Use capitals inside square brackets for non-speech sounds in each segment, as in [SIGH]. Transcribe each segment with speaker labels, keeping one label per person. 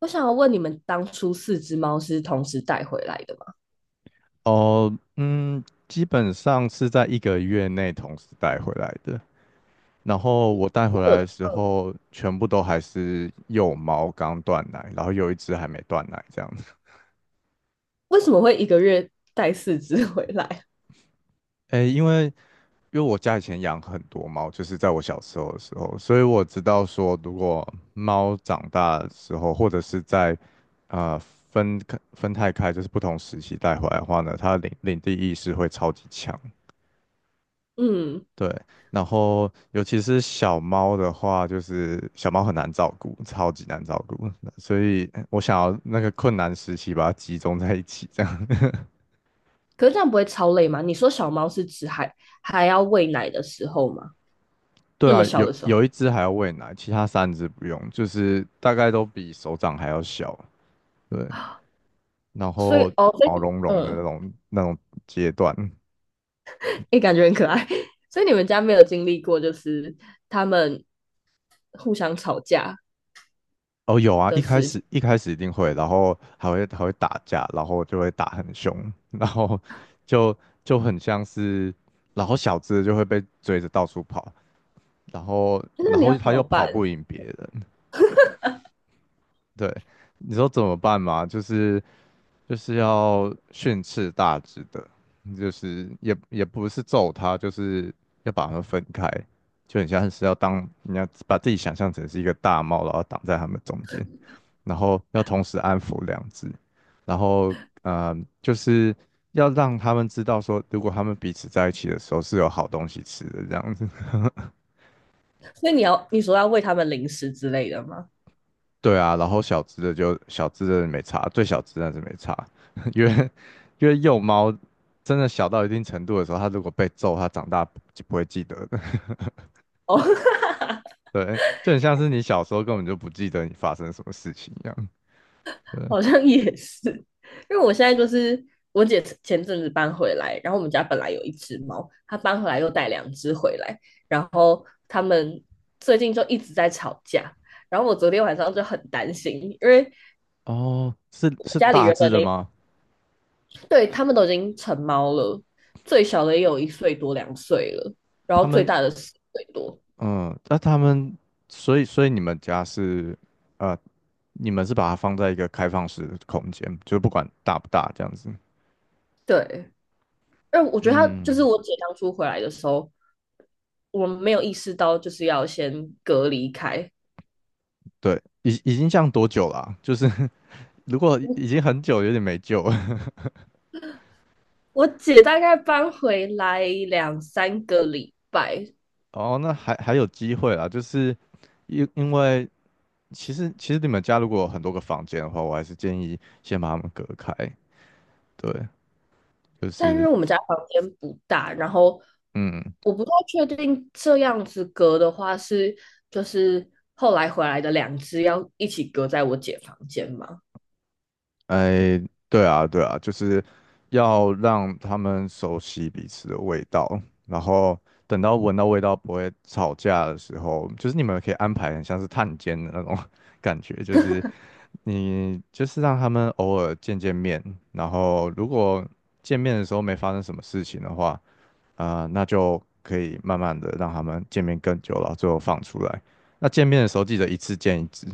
Speaker 1: 我想要问你们，当初四只猫是同时带回来的吗？
Speaker 2: 哦，嗯，基本上是在一个月内同时带回来的。然后我带
Speaker 1: 那
Speaker 2: 回
Speaker 1: 有，
Speaker 2: 来的时候，全部都还是幼猫刚断奶，然后有一只还没断奶这样子。
Speaker 1: 为什么会一个月带四只回来？
Speaker 2: 诶，因为我家以前养很多猫，就是在我小时候的时候，所以我知道说，如果猫长大的时候，或者是在呃分太开，就是不同时期带回来的话呢，它的领地意识会超级强。
Speaker 1: [LAUGHS] 嗯，
Speaker 2: 对，然后尤其是小猫的话，就是小猫很难照顾，超级难照顾，所以我想要那个困难时期把它集中在一起，这样。
Speaker 1: 可是这样不会超累吗？你说小猫是指还要喂奶的时候吗？
Speaker 2: [LAUGHS] 对
Speaker 1: 那么
Speaker 2: 啊，
Speaker 1: 小
Speaker 2: 有
Speaker 1: 的时候，
Speaker 2: 有一只还要喂奶，其他三只不用，就是大概都比手掌还要小，对，然
Speaker 1: 所以
Speaker 2: 后
Speaker 1: 哦，所以
Speaker 2: 毛茸茸的
Speaker 1: 嗯，
Speaker 2: 那种阶段，
Speaker 1: 也欸感觉很可爱。[LAUGHS] 所以你们家没有经历过，就是他们互相吵架
Speaker 2: 哦，有啊，
Speaker 1: 的
Speaker 2: 一开
Speaker 1: 事情，
Speaker 2: 始一开始一定会，然后还会打架，然后就会打很凶，然后就就很像是，然后小只的就会被追着到处跑，然后
Speaker 1: 那
Speaker 2: 然
Speaker 1: 你要
Speaker 2: 后
Speaker 1: 怎
Speaker 2: 他又
Speaker 1: 么
Speaker 2: 跑
Speaker 1: 办？
Speaker 2: 不赢别人，对，你说怎么办嘛？就是要训斥大只的，就是也不是揍他，就是要把他们分开，就很像是要当你要把自己想象成是一个大猫，然后挡在他们中间。然后要同时安抚两只，然后呃，就是要让他们知道说，如果他们彼此在一起的时候是有好东西吃的这样子。[LAUGHS]
Speaker 1: 所以你说要喂他们零食之类的吗？
Speaker 2: 对啊，然后小只的没差，最小只的是没差，[LAUGHS] 因为因为幼猫真的小到一定程度的时候，它如果被揍，它长大就不会记得的。
Speaker 1: 哦，[LAUGHS] 哈哈哈
Speaker 2: [LAUGHS] 对，就很像是你小时候根本就不记得你发生什么事情一样。对，
Speaker 1: [LAUGHS] 好像也是，因为我现在就是我姐前阵子搬回来，然后我们家本来有一只猫，她搬回来又带两只回来，然后他们最近就一直在吵架，然后我昨天晚上就很担心，因为
Speaker 2: 哦，是
Speaker 1: 家里
Speaker 2: 大
Speaker 1: 人
Speaker 2: 只
Speaker 1: 的
Speaker 2: 的
Speaker 1: 那
Speaker 2: 吗？
Speaker 1: 对他们都已经成猫了，最小的也有一岁多两岁了，然后
Speaker 2: 他
Speaker 1: 最
Speaker 2: 们
Speaker 1: 大的四岁多，
Speaker 2: 嗯，那他们，所以你们家是，呃，你们是把它放在一个开放式的空间，就不管大不大这样子。
Speaker 1: 对，因为我觉得她就是
Speaker 2: 嗯，
Speaker 1: 我姐当初回来的时候，我们没有意识到就是要先隔离开。
Speaker 2: 对，已经这样多久了啊就是 [LAUGHS] 如果已经很久，有点没救了。
Speaker 1: 我姐大概搬回来两三个礼拜，
Speaker 2: [LAUGHS] 哦，那还有机会啦，就是因为其实你们家如果有很多个房间的话，我还是建议先把它们隔开。对，就
Speaker 1: 但是
Speaker 2: 是
Speaker 1: 我们家房间不大，然后
Speaker 2: 嗯。
Speaker 1: 我不太确定这样子隔的话是就是后来回来的两只要一起隔在我姐房间吗？
Speaker 2: 哎，对啊，对啊，就是要让他们熟悉彼此的味道，然后等到闻到味道不会吵架的时候，就是你们可以安排很像是探监的那种 [LAUGHS] 感觉，就是你就是让他们偶尔见见面，然后如果见面的时候没发生什么事情的话，啊，那就可以慢慢的让他们见面更久了，最后放出来。那见面的时候记得一次见一只，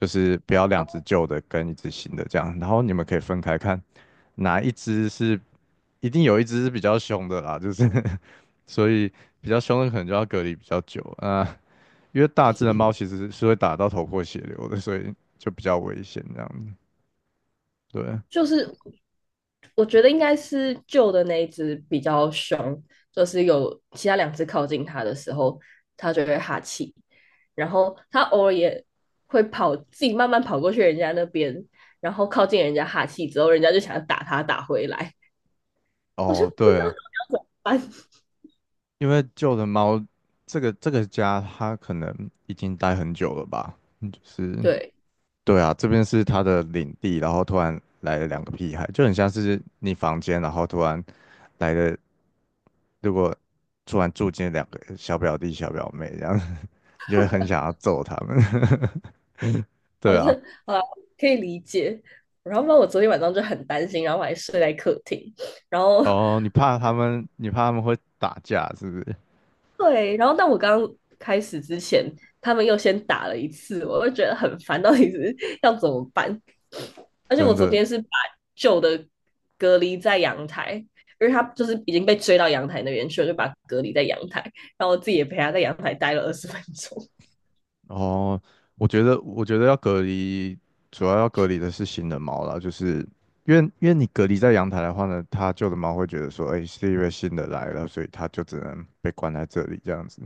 Speaker 2: 就是不要两只旧的跟一只新的这样，然后你们可以分开看哪一只是一定有一只是比较凶的啦，就是 [LAUGHS] 所以比较凶的可能就要隔离比较久啊，因为大只的猫其实是会打到头破血流的，所以就比较危险这样子。对，
Speaker 1: 就是我觉得应该是旧的那一只比较凶，就是有其他两只靠近它的时候，它就会哈气，然后它偶尔也会跑，自己慢慢跑过去人家那边，然后靠近人家哈气之后，人家就想要打它打回来，我就
Speaker 2: 哦，
Speaker 1: 不知道到
Speaker 2: 对。
Speaker 1: 要怎么办。
Speaker 2: 因为旧的猫，这个家它可能已经待很久了吧，就
Speaker 1: [LAUGHS]
Speaker 2: 是
Speaker 1: 对，
Speaker 2: 对啊，这边是它的领地，然后突然来了两个屁孩，就很像是你房间，然后突然来了，如果突然住进两个小表弟小表妹这样，[LAUGHS] 你就会很想要揍他们。[LAUGHS] 对
Speaker 1: 好像
Speaker 2: 啊，
Speaker 1: 啊可以理解。然后，不我昨天晚上就很担心，然后我还睡在客厅，然后
Speaker 2: 哦，你怕他们会打架是不是？
Speaker 1: 对，然后但我刚开始之前，他们又先打了一次，我就觉得很烦，到底是要怎么办？而且我
Speaker 2: 真
Speaker 1: 昨
Speaker 2: 的
Speaker 1: 天是把旧的隔离在阳台，因为他就是已经被追到阳台那边去了，就把隔离在阳台，然后我自己也陪他在阳台待了20分钟。
Speaker 2: 哦，我觉得要隔离，主要要隔离的是新的猫啦，就是因为你隔离在阳台的话呢，它旧的猫会觉得说，哎，是因为新的来了，所以它就只能被关在这里这样子。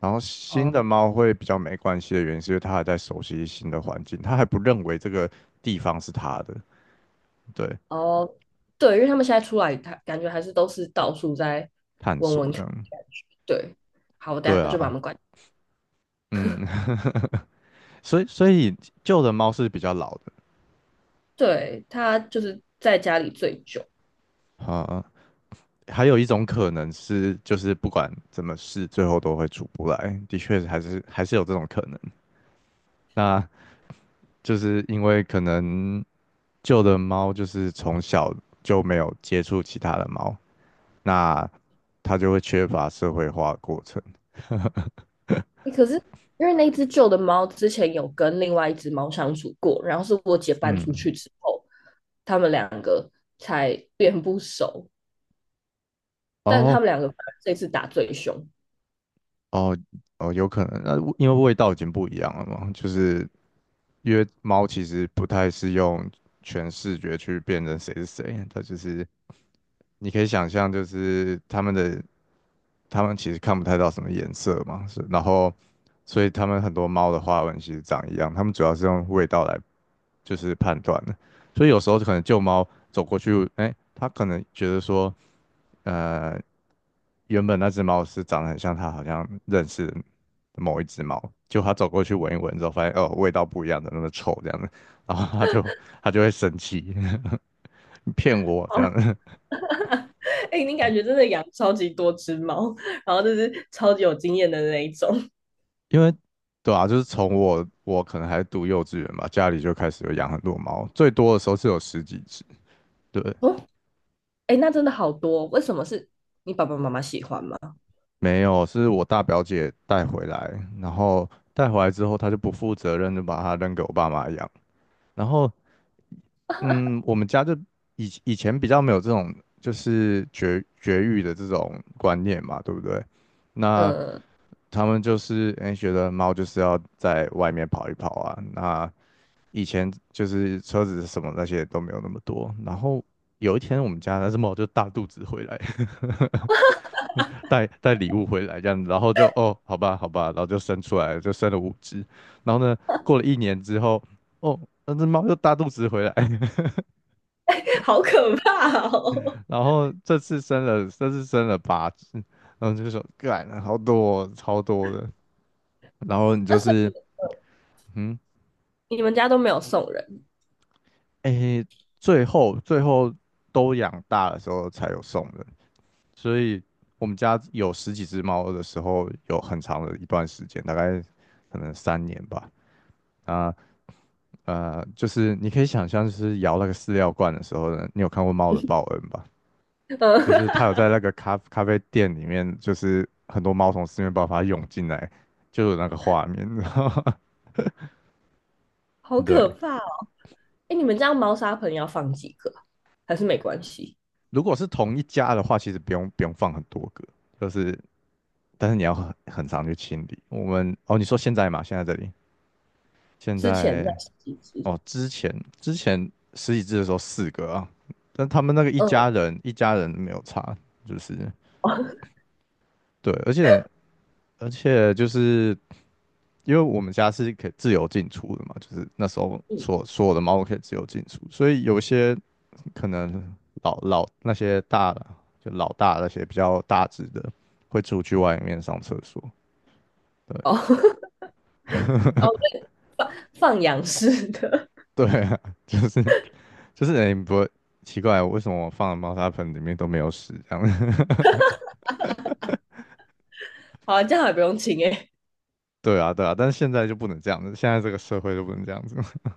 Speaker 2: 然后
Speaker 1: [LAUGHS]
Speaker 2: 新
Speaker 1: 哦
Speaker 2: 的猫会比较没关系的原因，是因为它还在熟悉新的环境，它还不认为这个地方是它的，对，
Speaker 1: 哦，对，因为他们现在出来，他感觉还是都是到处在
Speaker 2: 探
Speaker 1: 闻
Speaker 2: 索
Speaker 1: 闻
Speaker 2: 这
Speaker 1: 看
Speaker 2: 样，
Speaker 1: 的感觉对，好，我等下
Speaker 2: 对
Speaker 1: 就把
Speaker 2: 啊，
Speaker 1: 门关。
Speaker 2: 嗯，[LAUGHS] 所以旧的猫是比较老的，
Speaker 1: 对，他就是在家里最久。
Speaker 2: 啊，还有一种可能是，就是不管怎么试，最后都会出不来。的确，还是有这种可能。那就是因为可能旧的猫就是从小就没有接触其他的猫，那它就会缺乏社会化的过程。
Speaker 1: 欸可是因为那只旧的猫之前有跟另外一只猫相处过，然后是我姐搬出去
Speaker 2: 嗯，
Speaker 1: 之后，他们两个才变不熟，但他
Speaker 2: 哦
Speaker 1: 们两个这次打最凶。
Speaker 2: 哦哦，有可能。那因为味道已经不一样了嘛，就是因为猫其实不太是用全视觉去辨认谁是谁，它就是你可以想象，就是他们其实看不太到什么颜色嘛，是，然后所以他们很多猫的花纹其实长一样，他们主要是用味道来就是判断的，所以有时候可能旧猫走过去，哎，它可能觉得说，呃，原本那只猫是长得很像它好像认识的某一只猫，就它走过去闻一闻之后，发现哦味道不一样的，那么臭这样子，然后它就会生气，[LAUGHS] 骗我这样
Speaker 1: 哦，
Speaker 2: 子。
Speaker 1: 哎、欸你感觉真的养超级多只猫，然后就是超级有经验的那一种，
Speaker 2: 因为对啊，就是从我可能还读幼稚园吧，家里就开始有养很多猫，最多的时候是有十几只。对，
Speaker 1: 哦，哎、欸那真的好多，为什么是你爸爸妈妈喜欢吗？
Speaker 2: 没有，是我大表姐带回来，然后带回来之后，她就不负责任的把它扔给我爸妈养。然后，嗯，我们家就以前比较没有这种就是绝育的这种观念嘛，对不对？那
Speaker 1: 嗯，
Speaker 2: 他们就是哎诶，觉得猫就是要在外面跑一跑啊，那以前就是车子什么那些都没有那么多。然后有一天我们家那只猫就大肚子回来，[LAUGHS] 带礼物回来这样子，然后就哦，好吧，好吧，然后就生出来了，就生了五只。然后呢，过了一年之后，哦，那只猫又大肚子回来，[LAUGHS]
Speaker 1: 好可怕哦！
Speaker 2: 然后这次生了八只。然后就说，干，好多哦，超多的。然后你
Speaker 1: [LAUGHS] 那
Speaker 2: 就
Speaker 1: 所
Speaker 2: 是，
Speaker 1: 以
Speaker 2: 嗯，
Speaker 1: 你们家都没有送人，
Speaker 2: 诶，最后都养大的时候才有送的。所以我们家有十几只猫的时候，有很长的一段时间，大概可能3年吧。啊就是你可以想象，就是摇那个饲料罐的时候呢，你有看过猫的报恩吧？就
Speaker 1: 嗯，
Speaker 2: 是它有在那个咖啡店里面，就是很多猫从四面八方涌进来，就有那个画面，[LAUGHS] 然后
Speaker 1: 好
Speaker 2: 对。
Speaker 1: 可怕哎，你们家猫砂盆要放几个啊还是没关系？
Speaker 2: 如果是同一家的话，其实不用放很多个，就是但是你要很常去清理。我们哦，你说现在嘛，现
Speaker 1: 之前在
Speaker 2: 在
Speaker 1: 洗几只？
Speaker 2: 哦，之前十几只的时候四个啊，但他们那个一
Speaker 1: 嗯，
Speaker 2: 家人一家人没有差，就是
Speaker 1: 哦，
Speaker 2: 对，而且就是因为我们家是可以自由进出的嘛，就是那时候
Speaker 1: 嗯，
Speaker 2: 所有的猫可以自由进出，所以有些可能老老那些大的老大那些比较大只的会出去外面上厕所，
Speaker 1: 哦，
Speaker 2: 对
Speaker 1: [LAUGHS] 哦，对，放养式的，
Speaker 2: 对啊，[LAUGHS] 就是就是哎你不会奇怪为什么我放的猫砂盆里面都没有屎这样。[LAUGHS]
Speaker 1: 好啊，这样还不用清哎、欸
Speaker 2: 对啊，对啊，但是现在就不能这样子，现在这个社会就不能这样子。[LAUGHS]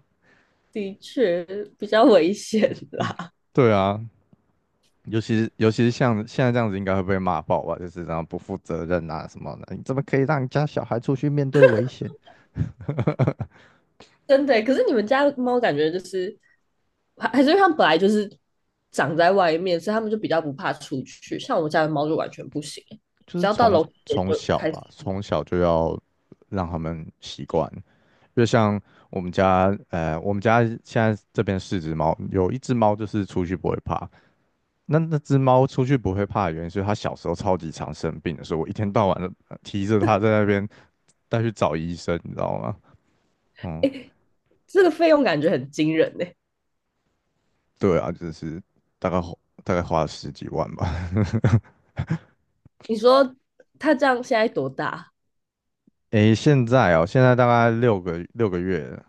Speaker 1: 的确比较危险啦，
Speaker 2: 对啊，尤其是像现在这样子，应该会被骂爆吧？就是这样不负责任啊什么的，你怎么可以让你家小孩出去面对危险？
Speaker 1: 真的欸、可是你们家猫感觉就是，还是因为它们本来就是长在外面，所以它们就比较不怕出去。像我家的猫就完全不行欸、
Speaker 2: 就
Speaker 1: 只
Speaker 2: 是
Speaker 1: 要到
Speaker 2: 从
Speaker 1: 楼梯间
Speaker 2: 从
Speaker 1: 就
Speaker 2: 小
Speaker 1: 开始。
Speaker 2: 吧，从小就要让他们习惯。就像我们家，我们家现在这边四只猫，有一只猫就是出去不会怕。那那只猫出去不会怕的原因是它小时候超级常生病的，所以我一天到晚的提着它在那边带去找医生，你知道吗？嗯，
Speaker 1: 这个费用感觉很惊人呢、
Speaker 2: 对啊，就是大概花大概花了十几万吧。
Speaker 1: 你说它这样现在多大
Speaker 2: [LAUGHS] 诶，现在哦，现在大概六个月了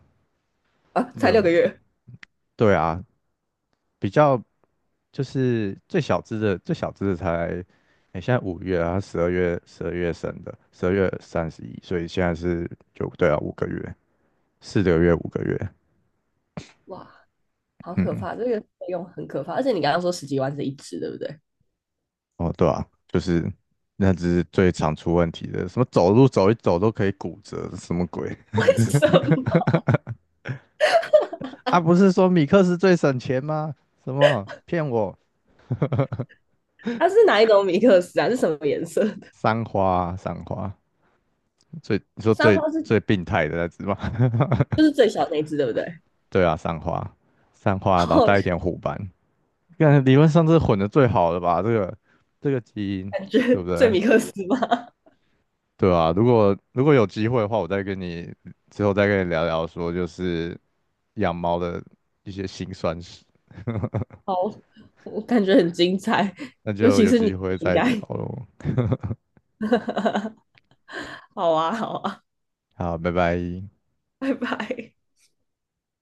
Speaker 1: 啊？才六个
Speaker 2: 六，
Speaker 1: 月。
Speaker 2: 对啊，比较就是最小只的，最小只的才，诶，现在五月啊，它十二月生的，十二月三十一，所以现在是就对啊，五个月，4个月五个月，
Speaker 1: 哇，好可
Speaker 2: 嗯，
Speaker 1: 怕，这个费用很可怕。而且你刚刚说十几万是一只，对不对？
Speaker 2: 哦，对啊，就是那只是最常出问题的，什么走路走一走都可以骨折，什么鬼？
Speaker 1: [LAUGHS] 为什么？
Speaker 2: 啊，不是说米克斯最省钱吗？什么骗我？
Speaker 1: 它是哪一种米克斯啊？是什么颜色的？
Speaker 2: 三花啊三花，你说
Speaker 1: 三
Speaker 2: 最
Speaker 1: 花是
Speaker 2: 最病态的那只吗？
Speaker 1: 就是最小那一只，对不对？
Speaker 2: [LAUGHS] 对啊，三花，三
Speaker 1: [LAUGHS]
Speaker 2: 花，老
Speaker 1: 好，
Speaker 2: 带一点虎斑，看理论上这是混的最好的吧？这个基因，
Speaker 1: 感
Speaker 2: 对
Speaker 1: 觉
Speaker 2: 不
Speaker 1: 最
Speaker 2: 对？
Speaker 1: 米克斯吗？
Speaker 2: 对啊，如果有机会的话，我再跟你之后再跟你聊聊说，就是养猫的一些辛酸史，
Speaker 1: 好，我感觉很精彩，
Speaker 2: 那
Speaker 1: 尤
Speaker 2: 就
Speaker 1: 其
Speaker 2: 有
Speaker 1: 是
Speaker 2: 机
Speaker 1: 你
Speaker 2: 会
Speaker 1: 应
Speaker 2: 再聊
Speaker 1: 该。
Speaker 2: 喽。
Speaker 1: [LAUGHS] 好啊，好啊，
Speaker 2: 好，拜拜。
Speaker 1: 拜拜。